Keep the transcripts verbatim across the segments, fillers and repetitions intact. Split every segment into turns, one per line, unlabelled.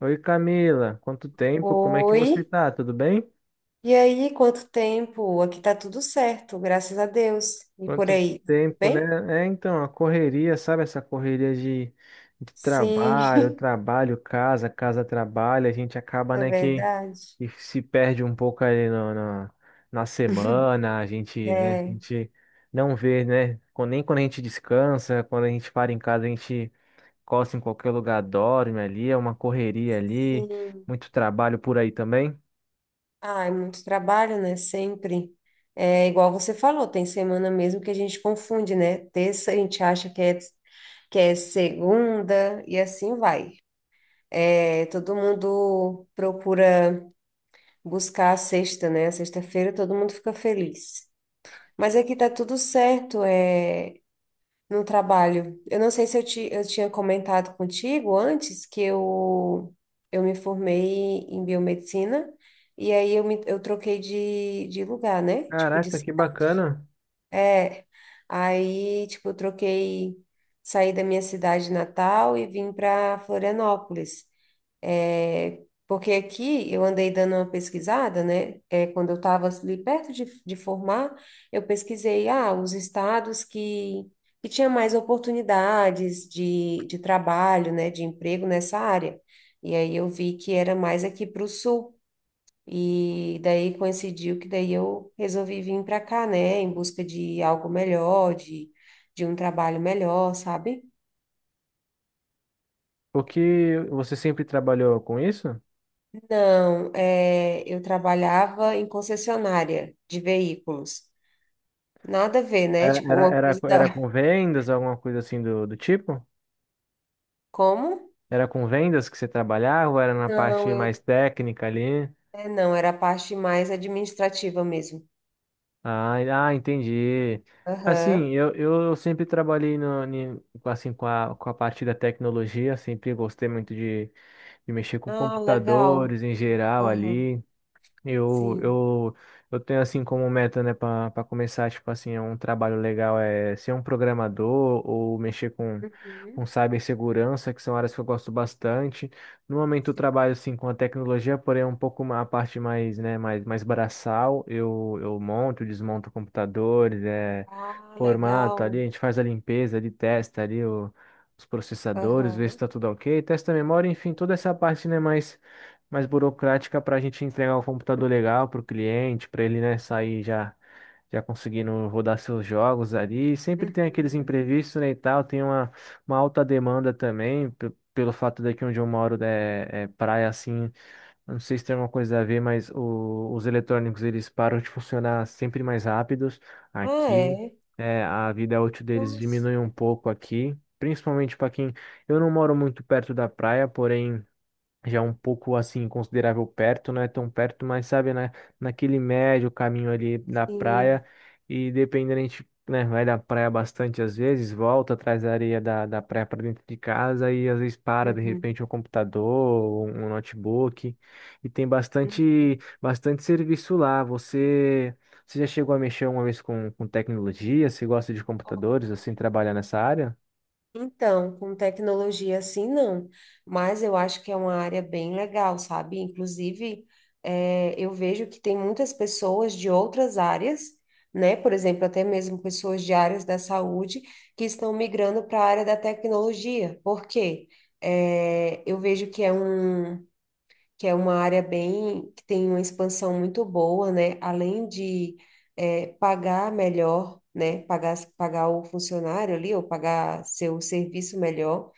Oi Camila, quanto tempo? Como é que você
Oi,
tá? Tudo bem?
e aí, quanto tempo? Aqui tá tudo certo, graças a Deus. E por
Quanto
aí, tá tudo
tempo,
bem?
né? É, então, a correria, sabe? Essa correria de, de
Sim,
trabalho, trabalho, casa, casa, trabalho, a gente acaba,
é
né, que,
verdade.
que se perde um pouco ali no, no- na semana, a gente, né, a
É,
gente não vê, né? Quando- Nem quando a gente descansa, quando a gente para em casa, a gente costa em qualquer lugar, dorme ali, é uma correria ali,
sim.
muito trabalho por aí também.
Ah, é muito trabalho, né? Sempre. É igual você falou, tem semana mesmo que a gente confunde, né? Terça a gente acha que é, que é segunda e assim vai. É, todo mundo procura buscar a sexta, né? A Sexta-feira todo mundo fica feliz. Mas aqui tá tudo certo. É, no trabalho. Eu não sei se eu, ti, eu tinha comentado contigo antes que eu, eu me formei em biomedicina e aí eu, me, eu troquei de, de lugar, né? Tipo, de,
Caraca, que bacana!
é, aí, tipo, Eu troquei, saí da minha cidade natal e vim para Florianópolis. É, porque aqui eu andei dando uma pesquisada, né? É, quando eu estava ali perto de, de formar, eu pesquisei, ah, os estados que, que tinha mais oportunidades de, de trabalho, né? De emprego nessa área. E aí eu vi que era mais aqui para o sul. E daí coincidiu que daí eu resolvi vir para cá, né? Em busca de algo melhor, de, de um trabalho melhor, sabe?
Porque você sempre trabalhou com isso?
Não, é, eu trabalhava em concessionária de veículos. Nada a ver, né?
Era,
Tipo,
era,
uma
era,
coisa da...
era com vendas, alguma coisa assim do, do tipo?
Como?
Era com vendas que você trabalhava ou era na
Não,
parte mais
eu...
técnica ali?
É, não, era a parte mais administrativa mesmo.
Ah, en- ah, entendi. Assim,
Aham.
eu, eu sempre trabalhei no, ni- com, assim, com a, com a parte da tecnologia, sempre gostei muito de, de mexer com
Ah, legal.
computadores em geral
Aham.
ali. Eu,
Sim.
eu, eu tenho assim como meta, né, para começar, tipo assim, é um trabalho legal é ser um programador ou mexer com, com
Uhum.
cibersegurança, que são áreas que eu gosto bastante. No momento eu
Sim.
trabalho assim com a tecnologia, porém é um pouco ma- a parte mais, né, mais, mais braçal. Eu, eu monto, desmonto computadores, é,
Ah,
formato ali,
legal.
a gente faz a limpeza, ali, testa ali o- os processadores, vê se
Aham.
está tudo ok, testa a memória, enfim, toda essa parte, né, mais mais burocrática para a gente entregar o computador legal para o cliente, para ele, né, sair já já conseguindo rodar seus jogos ali. E sempre tem aqueles
Uhum.
imprevistos, né, e tal, tem uma, uma alta demanda também, pe- pelo fato daqui onde eu moro, né, é é praia assim, não sei se tem alguma coisa a ver, mas o- os eletrônicos eles param de funcionar sempre mais rápidos
Ah,
aqui.
é?
É, a vida útil deles
Nossa.
diminui um pouco aqui, principalmente para quem. Eu não moro muito perto da praia, porém já é um pouco assim considerável perto, não é tão perto, mas sabe, na, naquele médio caminho ali da
Sim.
praia e dependendo a gente, né, vai da praia bastante às vezes, volta atrás da areia da, da praia para dentro de casa e às vezes para de
Uhum.
repente um computador, um um notebook e tem bastante bastante serviço lá. Você você já chegou a mexer uma vez com, com tecnologia? Você gosta de computadores,
Uhum.
assim, trabalhar nessa área?
Então, com tecnologia assim, não, mas eu acho que é uma área bem legal, sabe? Inclusive, eh, eu vejo que tem muitas pessoas de outras áreas, né? Por exemplo, até mesmo pessoas de áreas da saúde que estão migrando para a área da tecnologia. Por quê? Eh, eu vejo que é um que é uma área bem que tem uma expansão muito boa, né? Além de eh, pagar melhor, né? Pagar, pagar o funcionário ali ou pagar seu serviço melhor.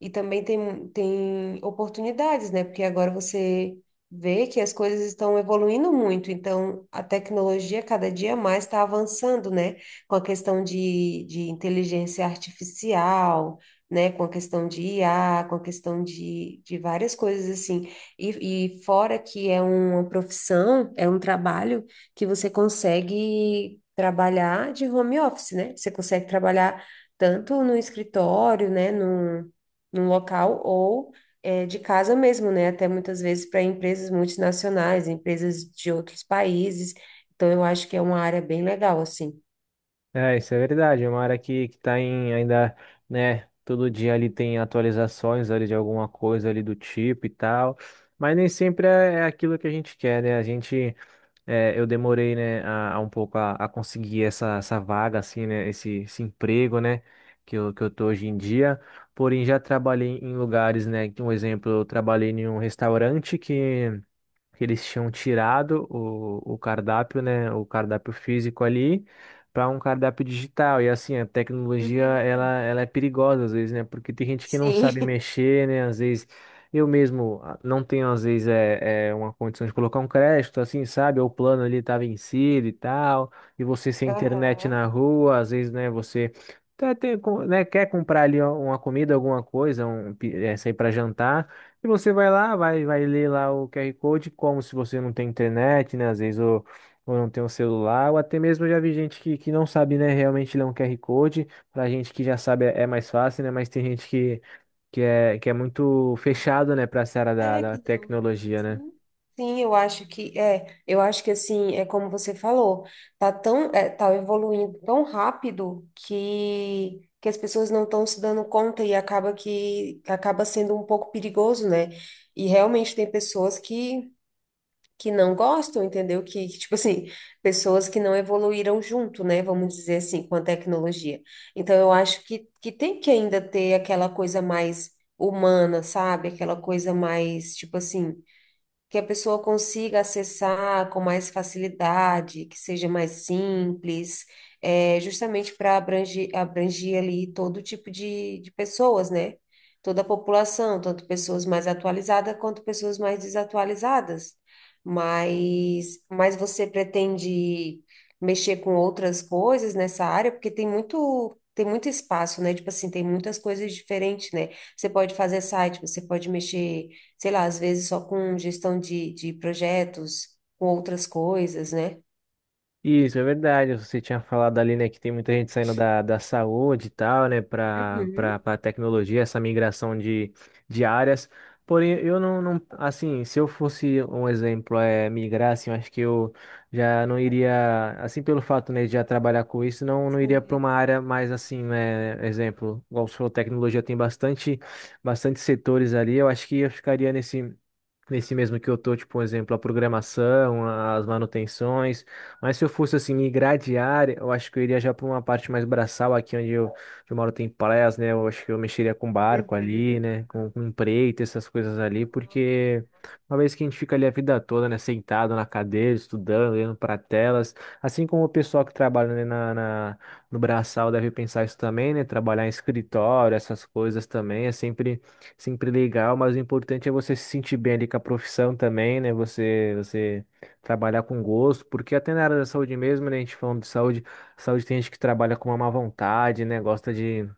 E também tem, tem oportunidades, né? Porque agora você vê que as coisas estão evoluindo muito, então a tecnologia cada dia mais está avançando, né? Com a questão de, de inteligência artificial, né? Com a questão de I A, com a questão de, de várias coisas assim. E, e fora que é uma profissão, é um trabalho que você consegue trabalhar de home office, né? Você consegue trabalhar tanto no escritório, né, num, num local, ou eh, de casa mesmo, né? Até muitas vezes para empresas multinacionais, empresas de outros países. Então, eu acho que é uma área bem legal, assim.
É, isso é verdade. É uma área que, que tá em ainda, né? Todo dia ali tem atualizações ali de alguma coisa ali do tipo e tal. Mas nem sempre é, é aquilo que a gente quer, né? A gente, é, eu demorei, né, a, a um pouco a, a conseguir essa, essa vaga, assim, né? Esse, esse emprego, né? Que eu, que eu tô hoje em dia. Porém, já trabalhei em lugares, né, que, um exemplo, eu trabalhei em um restaurante que que eles tinham tirado o, o cardápio, né, o cardápio físico ali para um cardápio digital. E assim, a tecnologia
Uhum.
ela, ela é perigosa às vezes, né? Porque tem gente que não sabe
Sim.
mexer, né? Às vezes eu mesmo, ah, não tenho às vezes é, é uma condição de colocar um crédito, assim, sabe? O plano ali tá vencido e tal, e você sem internet na
Aham.
rua, às vezes, né, você até tem, com- né, quer comprar ali uma comida, alguma coisa, um, pi- eh, sair para jantar. E você vai lá, vai, vai ler lá o QR Code, como se você não tem internet, né? Às vezes ou, ou não tem um celular, ou até mesmo eu já vi gente que, que não sabe, né, realmente ler um QR Code. Pra gente que já sabe é é mais fácil, né? Mas tem gente que, que é, que é muito fechado, né, pra essa área da,
É
da
que não.
tecnologia, né?
Sim. Sim, eu acho que é, eu acho que assim, é como você falou, tá tão, é, tá evoluindo tão rápido que que as pessoas não estão se dando conta e acaba que acaba sendo um pouco perigoso, né? E realmente tem pessoas que que não gostam, entendeu? Que, que, tipo assim, pessoas que não evoluíram junto, né? Vamos dizer assim, com a tecnologia. Então, eu acho que, que tem que ainda ter aquela coisa mais humana, sabe? Aquela coisa mais, tipo assim, que a pessoa consiga acessar com mais facilidade, que seja mais simples, é, justamente para abranger, abranger ali todo tipo de, de pessoas, né? Toda a população, tanto pessoas mais atualizadas quanto pessoas mais desatualizadas. Mas, mas você pretende mexer com outras coisas nessa área, porque tem muito. Tem muito espaço, né? Tipo assim, tem muitas coisas diferentes, né? Você pode fazer site, você pode mexer sei lá, às vezes só com gestão de, de projetos, com outras coisas, né?
Isso, é verdade. Você tinha falado ali, né, que tem muita gente saindo da, da saúde e tal, né, para para
Uhum,
para tecnologia, essa migração de, de áreas. Porém, eu não, não, assim, se eu fosse um exemplo, é migrar, assim, eu acho que eu já não iria, assim, pelo fato, né, de já trabalhar com isso, não, não iria
sim,
para uma área mais assim, né, exemplo, igual você falou, tecnologia tem bastante, bastante setores ali. Eu acho que eu ficaria nesse. Nesse mesmo que eu tô, tipo, um exemplo, a programação, as manutenções. Mas se eu fosse, assim, migrar de área, eu acho que eu iria já para uma parte mais braçal, aqui onde eu, onde eu moro tem praias, né? Eu acho que eu mexeria com barco ali,
uhum.
né? Com, com empreita, essas coisas ali, porque uma vez que a gente fica ali a vida toda, né? Sentado na cadeira, estudando, olhando para telas, assim como o pessoal que trabalha, né, na, na- no braçal deve pensar isso também, né? Trabalhar em escritório, essas coisas também, é sempre sempre legal, mas o importante é você se sentir bem ali com a profissão também, né? Você, você trabalhar com gosto, porque até na área da saúde mesmo, né? A gente falando de saúde, saúde tem gente que trabalha com uma má vontade, né? Gosta de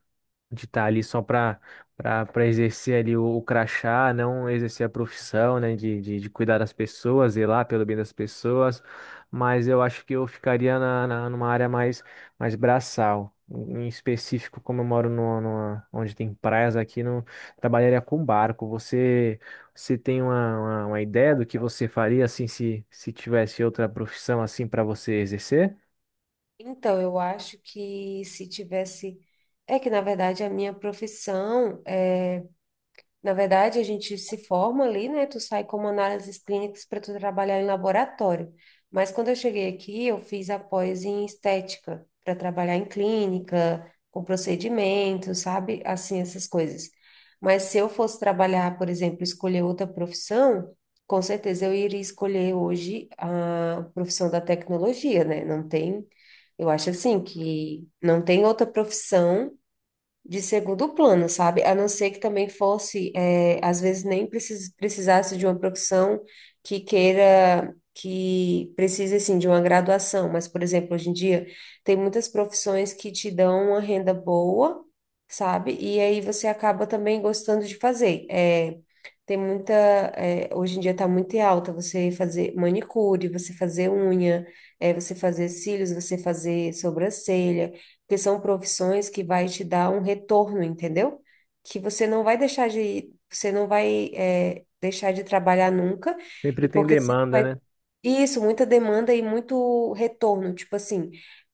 de estar ali só para para exercer ali o, o crachá, não exercer a profissão, né, de, de, de cuidar das pessoas, zelar pelo bem das pessoas, mas eu acho que eu ficaria na, na- numa área mais, mais braçal. Em específico, como eu moro no numa- onde tem praias aqui, não trabalharia com barco. Você, você tem uma, uma, uma ideia do que você faria assim se, se tivesse outra profissão assim para você exercer?
Então, eu acho que se tivesse. É que, na verdade, a minha profissão é. Na verdade, a gente se forma ali, né? Tu sai como análises clínicas para tu trabalhar em laboratório. Mas quando eu cheguei aqui, eu fiz a pós em estética, para trabalhar em clínica, com procedimentos, sabe? Assim, essas coisas. Mas se eu fosse trabalhar, por exemplo, escolher outra profissão, com certeza eu iria escolher hoje a profissão da tecnologia, né? Não tem, eu acho assim que não tem outra profissão de segundo plano, sabe? A não ser que também fosse, eh, às vezes nem precis, precisasse de uma profissão que queira, que precise, assim, de uma graduação. Mas, por exemplo, hoje em dia, tem muitas profissões que te dão uma renda boa, sabe? E aí você acaba também gostando de fazer. Eh, tem muita, eh, Hoje em dia está muito em alta você fazer manicure, você fazer unha, eh, você fazer cílios, você fazer sobrancelha, porque são profissões que vai te dar um retorno, entendeu? Que você não vai deixar de, você não vai é, deixar de trabalhar nunca,
Sempre
e
tem
porque sempre
demanda,
vai
né?
isso, muita demanda e muito retorno. Tipo assim,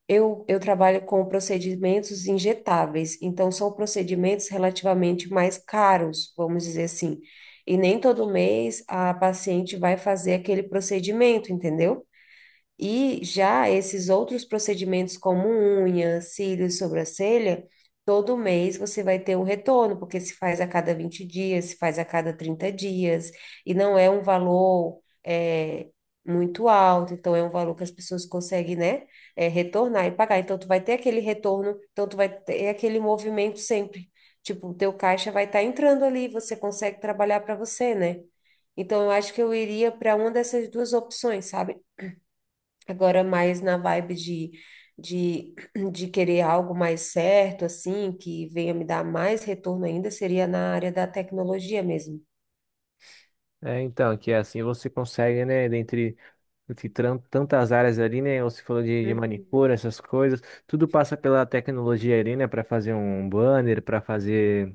eu, eu trabalho com procedimentos injetáveis, então são procedimentos relativamente mais caros, vamos dizer assim. E nem todo mês a paciente vai fazer aquele procedimento, entendeu? E já esses outros procedimentos, como unha, cílios, sobrancelha, todo mês você vai ter um retorno, porque se faz a cada vinte dias, se faz a cada trinta dias, e não é um valor é, muito alto, então é um valor que as pessoas conseguem, né, é, retornar e pagar. Então, tu vai ter aquele retorno, então tu vai ter aquele movimento sempre. Tipo, o teu caixa vai estar entrando ali, você consegue trabalhar para você, né? Então, eu acho que eu iria para uma dessas duas opções, sabe? Agora, mais na vibe de, de, de querer algo mais certo, assim, que venha me dar mais retorno ainda, seria na área da tecnologia mesmo.
É, então, que é assim você consegue, né, dentre de tran- tantas áreas ali, né? Você falou de, de
Uhum,
manicure, essas coisas, tudo passa pela tecnologia ali, né? Para fazer um um banner, para fazer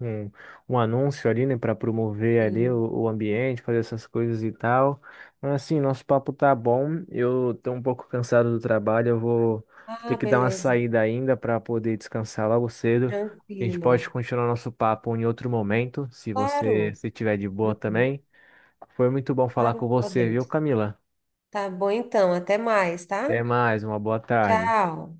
um, um anúncio ali, né? Para promover ali
sim.
o, o ambiente, fazer essas coisas e tal. Mas assim, nosso papo tá bom. Eu tô um pouco cansado do trabalho, eu vou ter
Ah,
que dar uma
beleza.
saída ainda para poder descansar logo cedo. A gente
Tranquilo.
pode continuar nosso papo em outro momento, se você
Claro.
se tiver de boa
Uhum,
também. Foi muito bom falar com
claro,
você, viu,
podemos.
Camila?
Tá bom, então. Até mais,
Até
tá?
mais, uma boa tarde.
Tchau.